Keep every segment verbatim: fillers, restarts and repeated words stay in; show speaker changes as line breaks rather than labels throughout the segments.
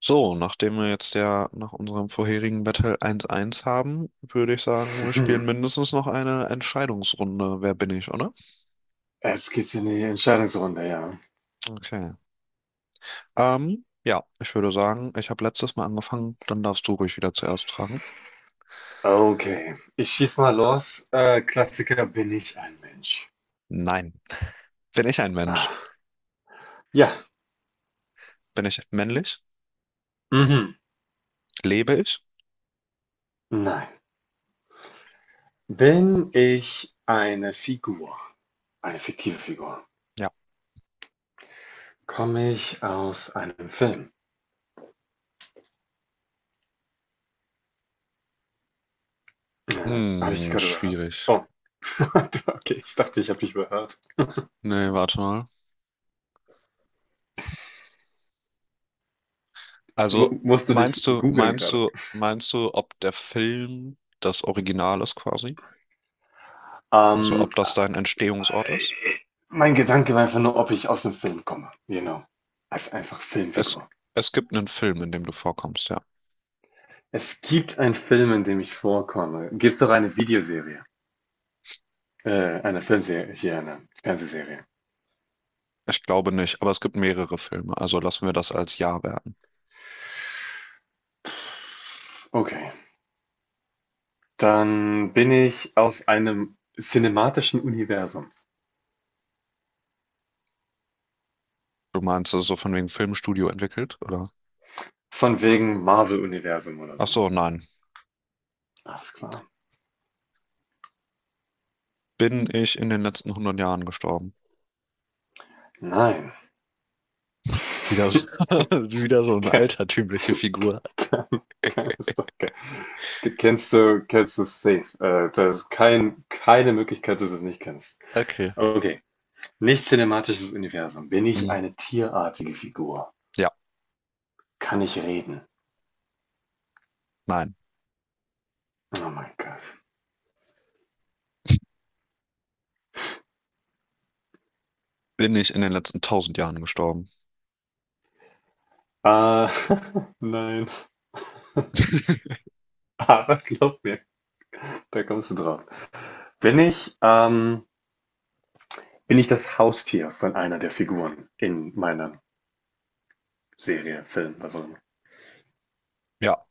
So, nachdem wir jetzt ja nach unserem vorherigen Battle eins eins haben, würde ich sagen, wir spielen
Hm,
mindestens noch eine Entscheidungsrunde. Wer bin ich, oder?
Jetzt geht's in die Entscheidungsrunde, ja.
Okay. Ähm, ja, ich würde sagen, ich habe letztes Mal angefangen, dann darfst du ruhig wieder zuerst fragen.
Okay, ich schieß mal los. Äh, Klassiker, bin ich ein Mensch?
Nein. Bin ich ein Mensch?
Ah, ja.
Bin ich männlich?
Mhm.
Lebe ich?
Nein. Bin ich eine Figur? Eine fiktive Figur.
Ja.
Komme ich aus einem Film? Äh, habe ich dich
Hm,
gerade überhört?
schwierig.
Oh, okay, ich dachte, ich habe dich überhört.
Nee, warte mal.
Mu
Also,
musst du dich
meinst du,
googeln
meinst
gerade?
du, meinst du, ob der Film das Original ist quasi? Also,
Ähm,
ob das dein Entstehungsort ist?
äh, Mein Gedanke war einfach nur, ob ich aus dem Film komme. Genau. Als einfach
Es,
Filmfigur.
es gibt einen Film, in dem du vorkommst, ja.
Es gibt einen Film, in dem ich vorkomme. Gibt es auch eine Videoserie. Äh, eine Filmserie, hier eine Fernsehserie.
Ich glaube nicht, aber es gibt mehrere Filme, also lassen wir das als Ja werten.
Okay. Dann bin ich aus einem cinematischen Universum.
Du meinst, es ist so von wegen Filmstudio entwickelt, oder?
Von wegen Marvel-Universum oder
Ach
so.
so, nein.
Alles klar.
Bin ich in den letzten hundert Jahren gestorben?
Nein.
Wieder, so- wieder so eine altertümliche Figur.
Keine, keine Sorge. Du kennst du, kennst du safe. Äh, da ist kein, keine Möglichkeit, dass du es nicht kennst.
Okay.
Okay. Nicht cinematisches Universum. Bin ich
Hm,
eine tierartige Figur?
ja,
Kann ich reden?
nein.
Oh mein Gott.
Bin ich in den letzten tausend Jahren gestorben?
Äh, nein, aber glaub mir, da kommst du drauf. Bin ich, ähm, bin ich das Haustier von einer der Figuren in meiner Serie, Film, was auch immer?
Ja.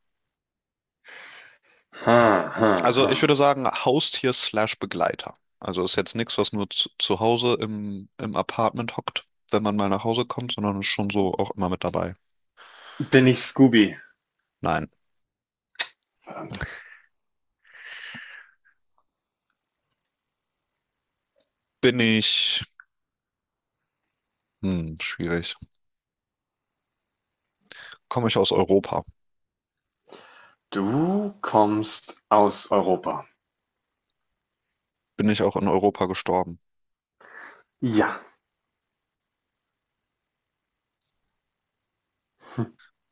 Ha, ha,
Also
ha.
ich würde sagen, Haustier slash Begleiter. Also ist jetzt nichts, was nur zu, zu Hause im, im Apartment hockt, wenn man mal nach Hause kommt, sondern ist schon so auch immer mit dabei.
Bin ich Scooby?
Nein.
Verdammt.
Bin ich, hm, schwierig. Komme ich aus Europa?
Du kommst aus Europa.
Bin ich auch in Europa gestorben?
Ja.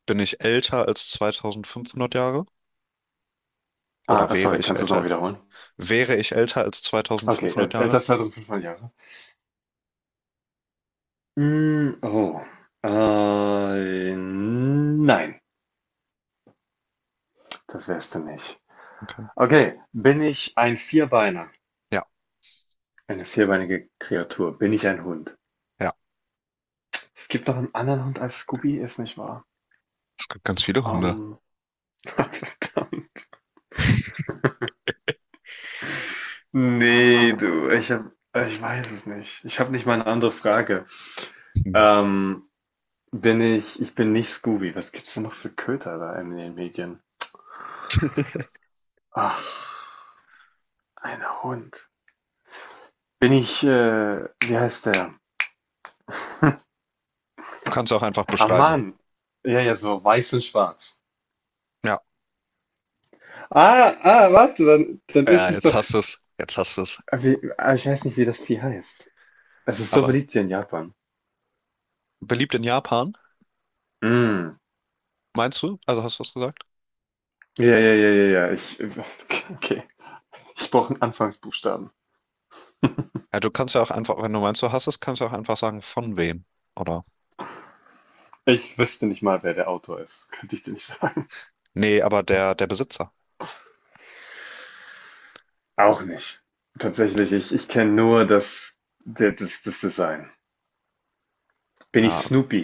Bin ich älter als zweitausendfünfhundert Jahre? Oder
Ah,
wäre
sorry,
ich
kannst du es noch
älter?
wiederholen?
Wäre ich älter als
Okay, äh,
zweitausendfünfhundert
älter
Jahre?
als zweitausendfünfhundert Jahre. Mm, oh. Äh, nein, das wärst du nicht.
Okay.
Okay, bin ich ein Vierbeiner?
Ja,
Eine vierbeinige Kreatur. Bin ich ein Hund?
ja.
Es gibt noch einen anderen Hund als Scooby, ist nicht wahr?
Es gibt ganz viele Hunde.
Ähm, verdammt. Nee, du, ich hab, also ich weiß es nicht. Ich habe nicht mal eine andere Frage.
Hm.
Ähm, bin ich, ich bin nicht Scooby. Was gibt's denn noch für Köter da in den Medien?
Du
Ach, ein Hund. Bin ich, äh, wie heißt der?
kannst auch einfach
Ah,
beschreiben.
Mann. Ja, ja, so weiß und schwarz.
Ja,
Ah, ah, warte, dann, dann ist
ja,
es
jetzt
doch.
hast du es. Jetzt hast du es.
Ah, wie, ah, ich weiß nicht, wie das Vieh heißt. Es ist so
Aber
beliebt hier in Japan.
beliebt in Japan,
Mm.
meinst du? Also hast du das gesagt?
Ja, ja, ja, ja, ja. Ich, okay. Ich brauche einen Anfangsbuchstaben.
Ja, du kannst ja auch einfach, wenn du meinst, du hast es, kannst du auch einfach sagen, von wem, oder?
Ich wüsste nicht mal, wer der Autor ist. Könnte ich dir nicht sagen.
Nee, aber der, der Besitzer.
Auch nicht. Tatsächlich, ich, ich kenne nur das, das, das Design. Bin ich
Ja,
Snoopy?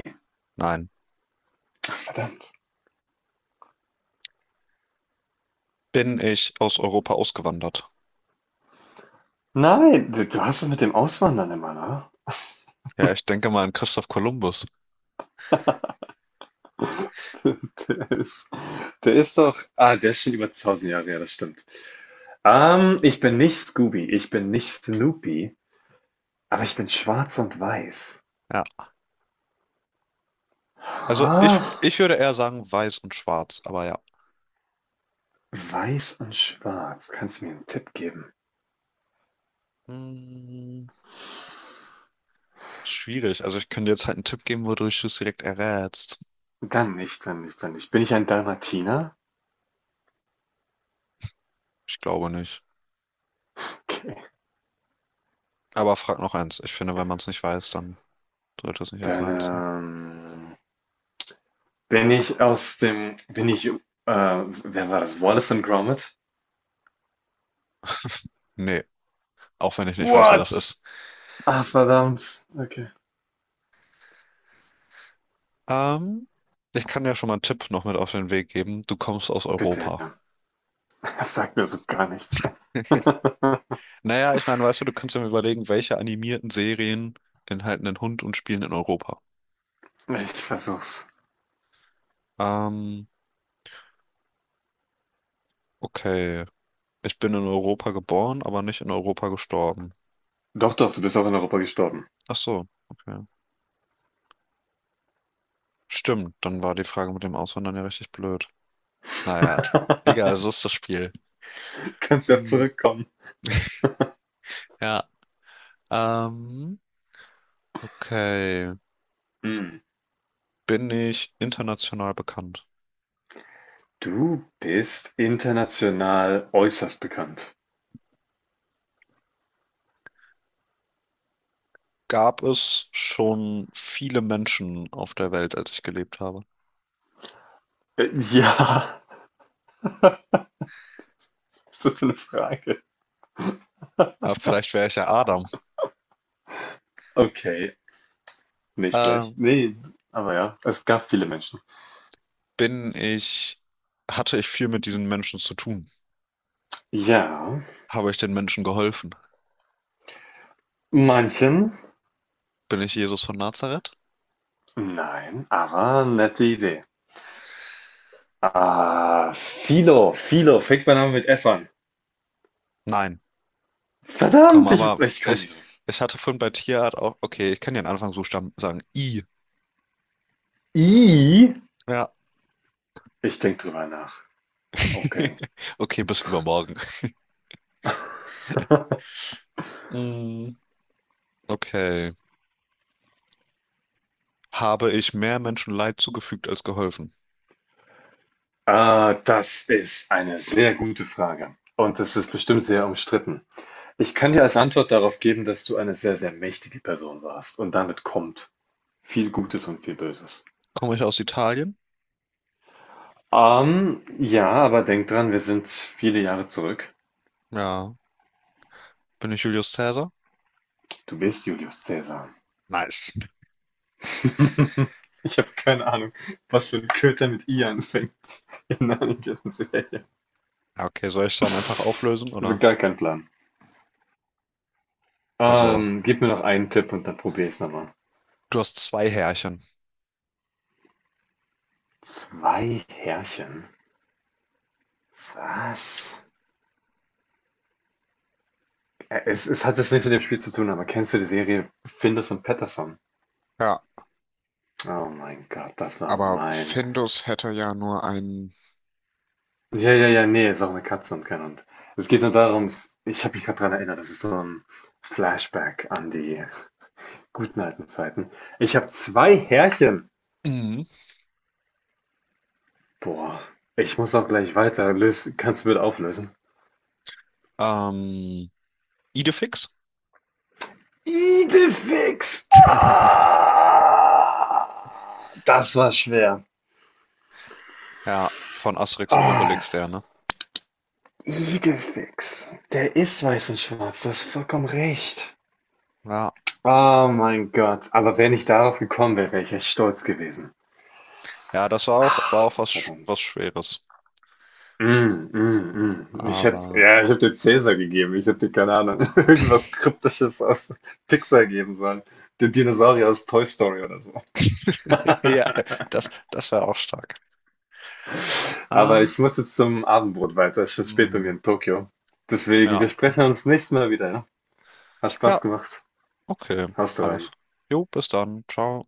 nein.
Verdammt.
Bin ich aus Europa ausgewandert?
Nein, du, du hast es mit dem Auswandern immer, ne?
Ja, ich denke mal an Christoph Kolumbus.
Der ist, der ist doch. Ah, der ist schon über tausend Jahre, ja, das stimmt. Ähm, ich bin nicht Scooby, ich bin nicht Snoopy, aber ich bin schwarz und weiß.
Ja, also ich,
Ah.
ich würde eher sagen weiß und schwarz, aber ja.
Weiß und schwarz. Kannst du mir einen Tipp geben?
Hm, schwierig. Also ich könnte jetzt halt einen Tipp geben, wodurch du es direkt errätst.
Dann nicht, dann nicht, dann nicht. Bin ich ein Dalmatiner?
Ich glaube nicht.
Okay.
Aber frag noch eins. Ich finde, wenn man es nicht weiß, dann sollte es nicht als
Dann,
Nein ziehen.
ähm, bin ich aus dem bin ich, äh wer war das? Wallace & and Gromit?
Nee, auch wenn ich nicht weiß, wer das
What?
ist.
Ah, verdammt. Okay.
Ähm, ich kann ja schon mal einen Tipp noch mit auf den Weg geben. Du kommst aus
Bitte,
Europa.
das sagt mir so gar nichts.
Naja, ich meine, weißt du, du kannst ja mal überlegen, welche animierten Serien enthalten einen Hund und spielen in Europa.
Ich versuch's.
Ähm, okay. Ich bin in Europa geboren, aber nicht in Europa gestorben.
Doch, doch, du bist auch in Europa gestorben.
Ach so, okay. Stimmt, dann war die Frage mit dem Auswandern ja richtig blöd. Naja, egal, so ist das Spiel.
Du kannst ja
Hm,
zurückkommen.
ja, ähm, okay.
Hm,
Bin ich international bekannt?
du bist international äußerst bekannt.
Gab es schon viele Menschen auf der Welt, als ich gelebt habe?
Äh, ja, was ist das für 'ne Frage?
Ja, vielleicht wäre ich ja Adam.
Okay, nicht
Äh,
schlecht. Nee, aber ja, es gab viele Menschen.
bin ich, hatte ich viel mit diesen Menschen zu tun?
Ja,
Habe ich den Menschen geholfen?
manchen,
Bin ich Jesus von Nazareth?
nein, aber nette Idee. Ah, Philo, Philo, fängt mein Name mit F an.
Nein. Komm,
Verdammt, ich,
aber
ich komme
ich,
nicht drauf.
ich hatte vorhin bei Tierart auch, okay, ich kann den Anfangsbuchstaben sagen. I.
I,
Ja.
ich denke drüber nach. Okay.
Okay, bis übermorgen. Mm, okay. Habe ich mehr Menschen Leid zugefügt als geholfen?
Ah, das ist eine sehr gute Frage. Und das ist bestimmt sehr umstritten. Ich kann dir als Antwort darauf geben, dass du eine sehr, sehr mächtige Person warst und damit kommt viel Gutes und viel Böses.
Komme ich aus Italien?
Ähm, ja, aber denk dran, wir sind viele Jahre zurück.
Ja. Bin ich Julius Caesar?
Du bist Julius Caesar.
Nice.
Ich habe keine Ahnung, was für ein Köter mit I anfängt in der Serie.
Ja, okay, soll ich dann einfach auflösen,
Also
oder?
gar kein Plan.
Also,
Ähm, gib mir noch einen Tipp und dann probier ich's nochmal.
du hast zwei Härchen.
Zwei Herrchen? Was? Äh, Es, es hat jetzt nichts mit dem Spiel zu tun, aber kennst du die Serie Findus und Patterson?
Ja,
Oh mein Gott, das war
aber
mein.
Findus hätte ja nur einen.
Ja, ja, ja, nee, ist auch eine Katze und kein Hund. Es geht nur darum, s ich habe mich gerade dran erinnert, das ist so ein Flashback an die guten alten Zeiten. Ich habe zwei Härchen.
Mhm.
Boah, ich muss auch gleich weiter. Lös kannst du bitte auflösen?
Ähm, Idefix?
Idefix. Ah, das war schwer.
Ja, von Asterix und
Ah,
Obelix, der, ne?
Idefix. Der ist weiß und schwarz, du hast vollkommen recht.
Ja,
Oh mein Gott, aber wenn ich darauf gekommen wäre, wäre ich echt stolz gewesen.
ja, das war auch, war auch was, Sch- was
Verdammt.
Schweres.
Mm, mm, mm. Ich hätte,
Aber,
ja, ich hätte dir Cäsar gegeben. Ich hätte dir, keine Ahnung, irgendwas Kryptisches aus Pixar geben sollen. Den Dinosaurier aus Toy Story oder so.
ja, das, das war auch stark.
Aber
Ähm,
ich muss jetzt zum Abendbrot weiter. Es ist schon spät bei mir
hm,
in Tokio. Deswegen,
ja,
wir sprechen
okay.
uns nächstes Mal wieder. Ja? Hat
Ja,
Spaß gemacht.
okay.
Hast du
Alles.
rein.
Jo, bis dann. Ciao.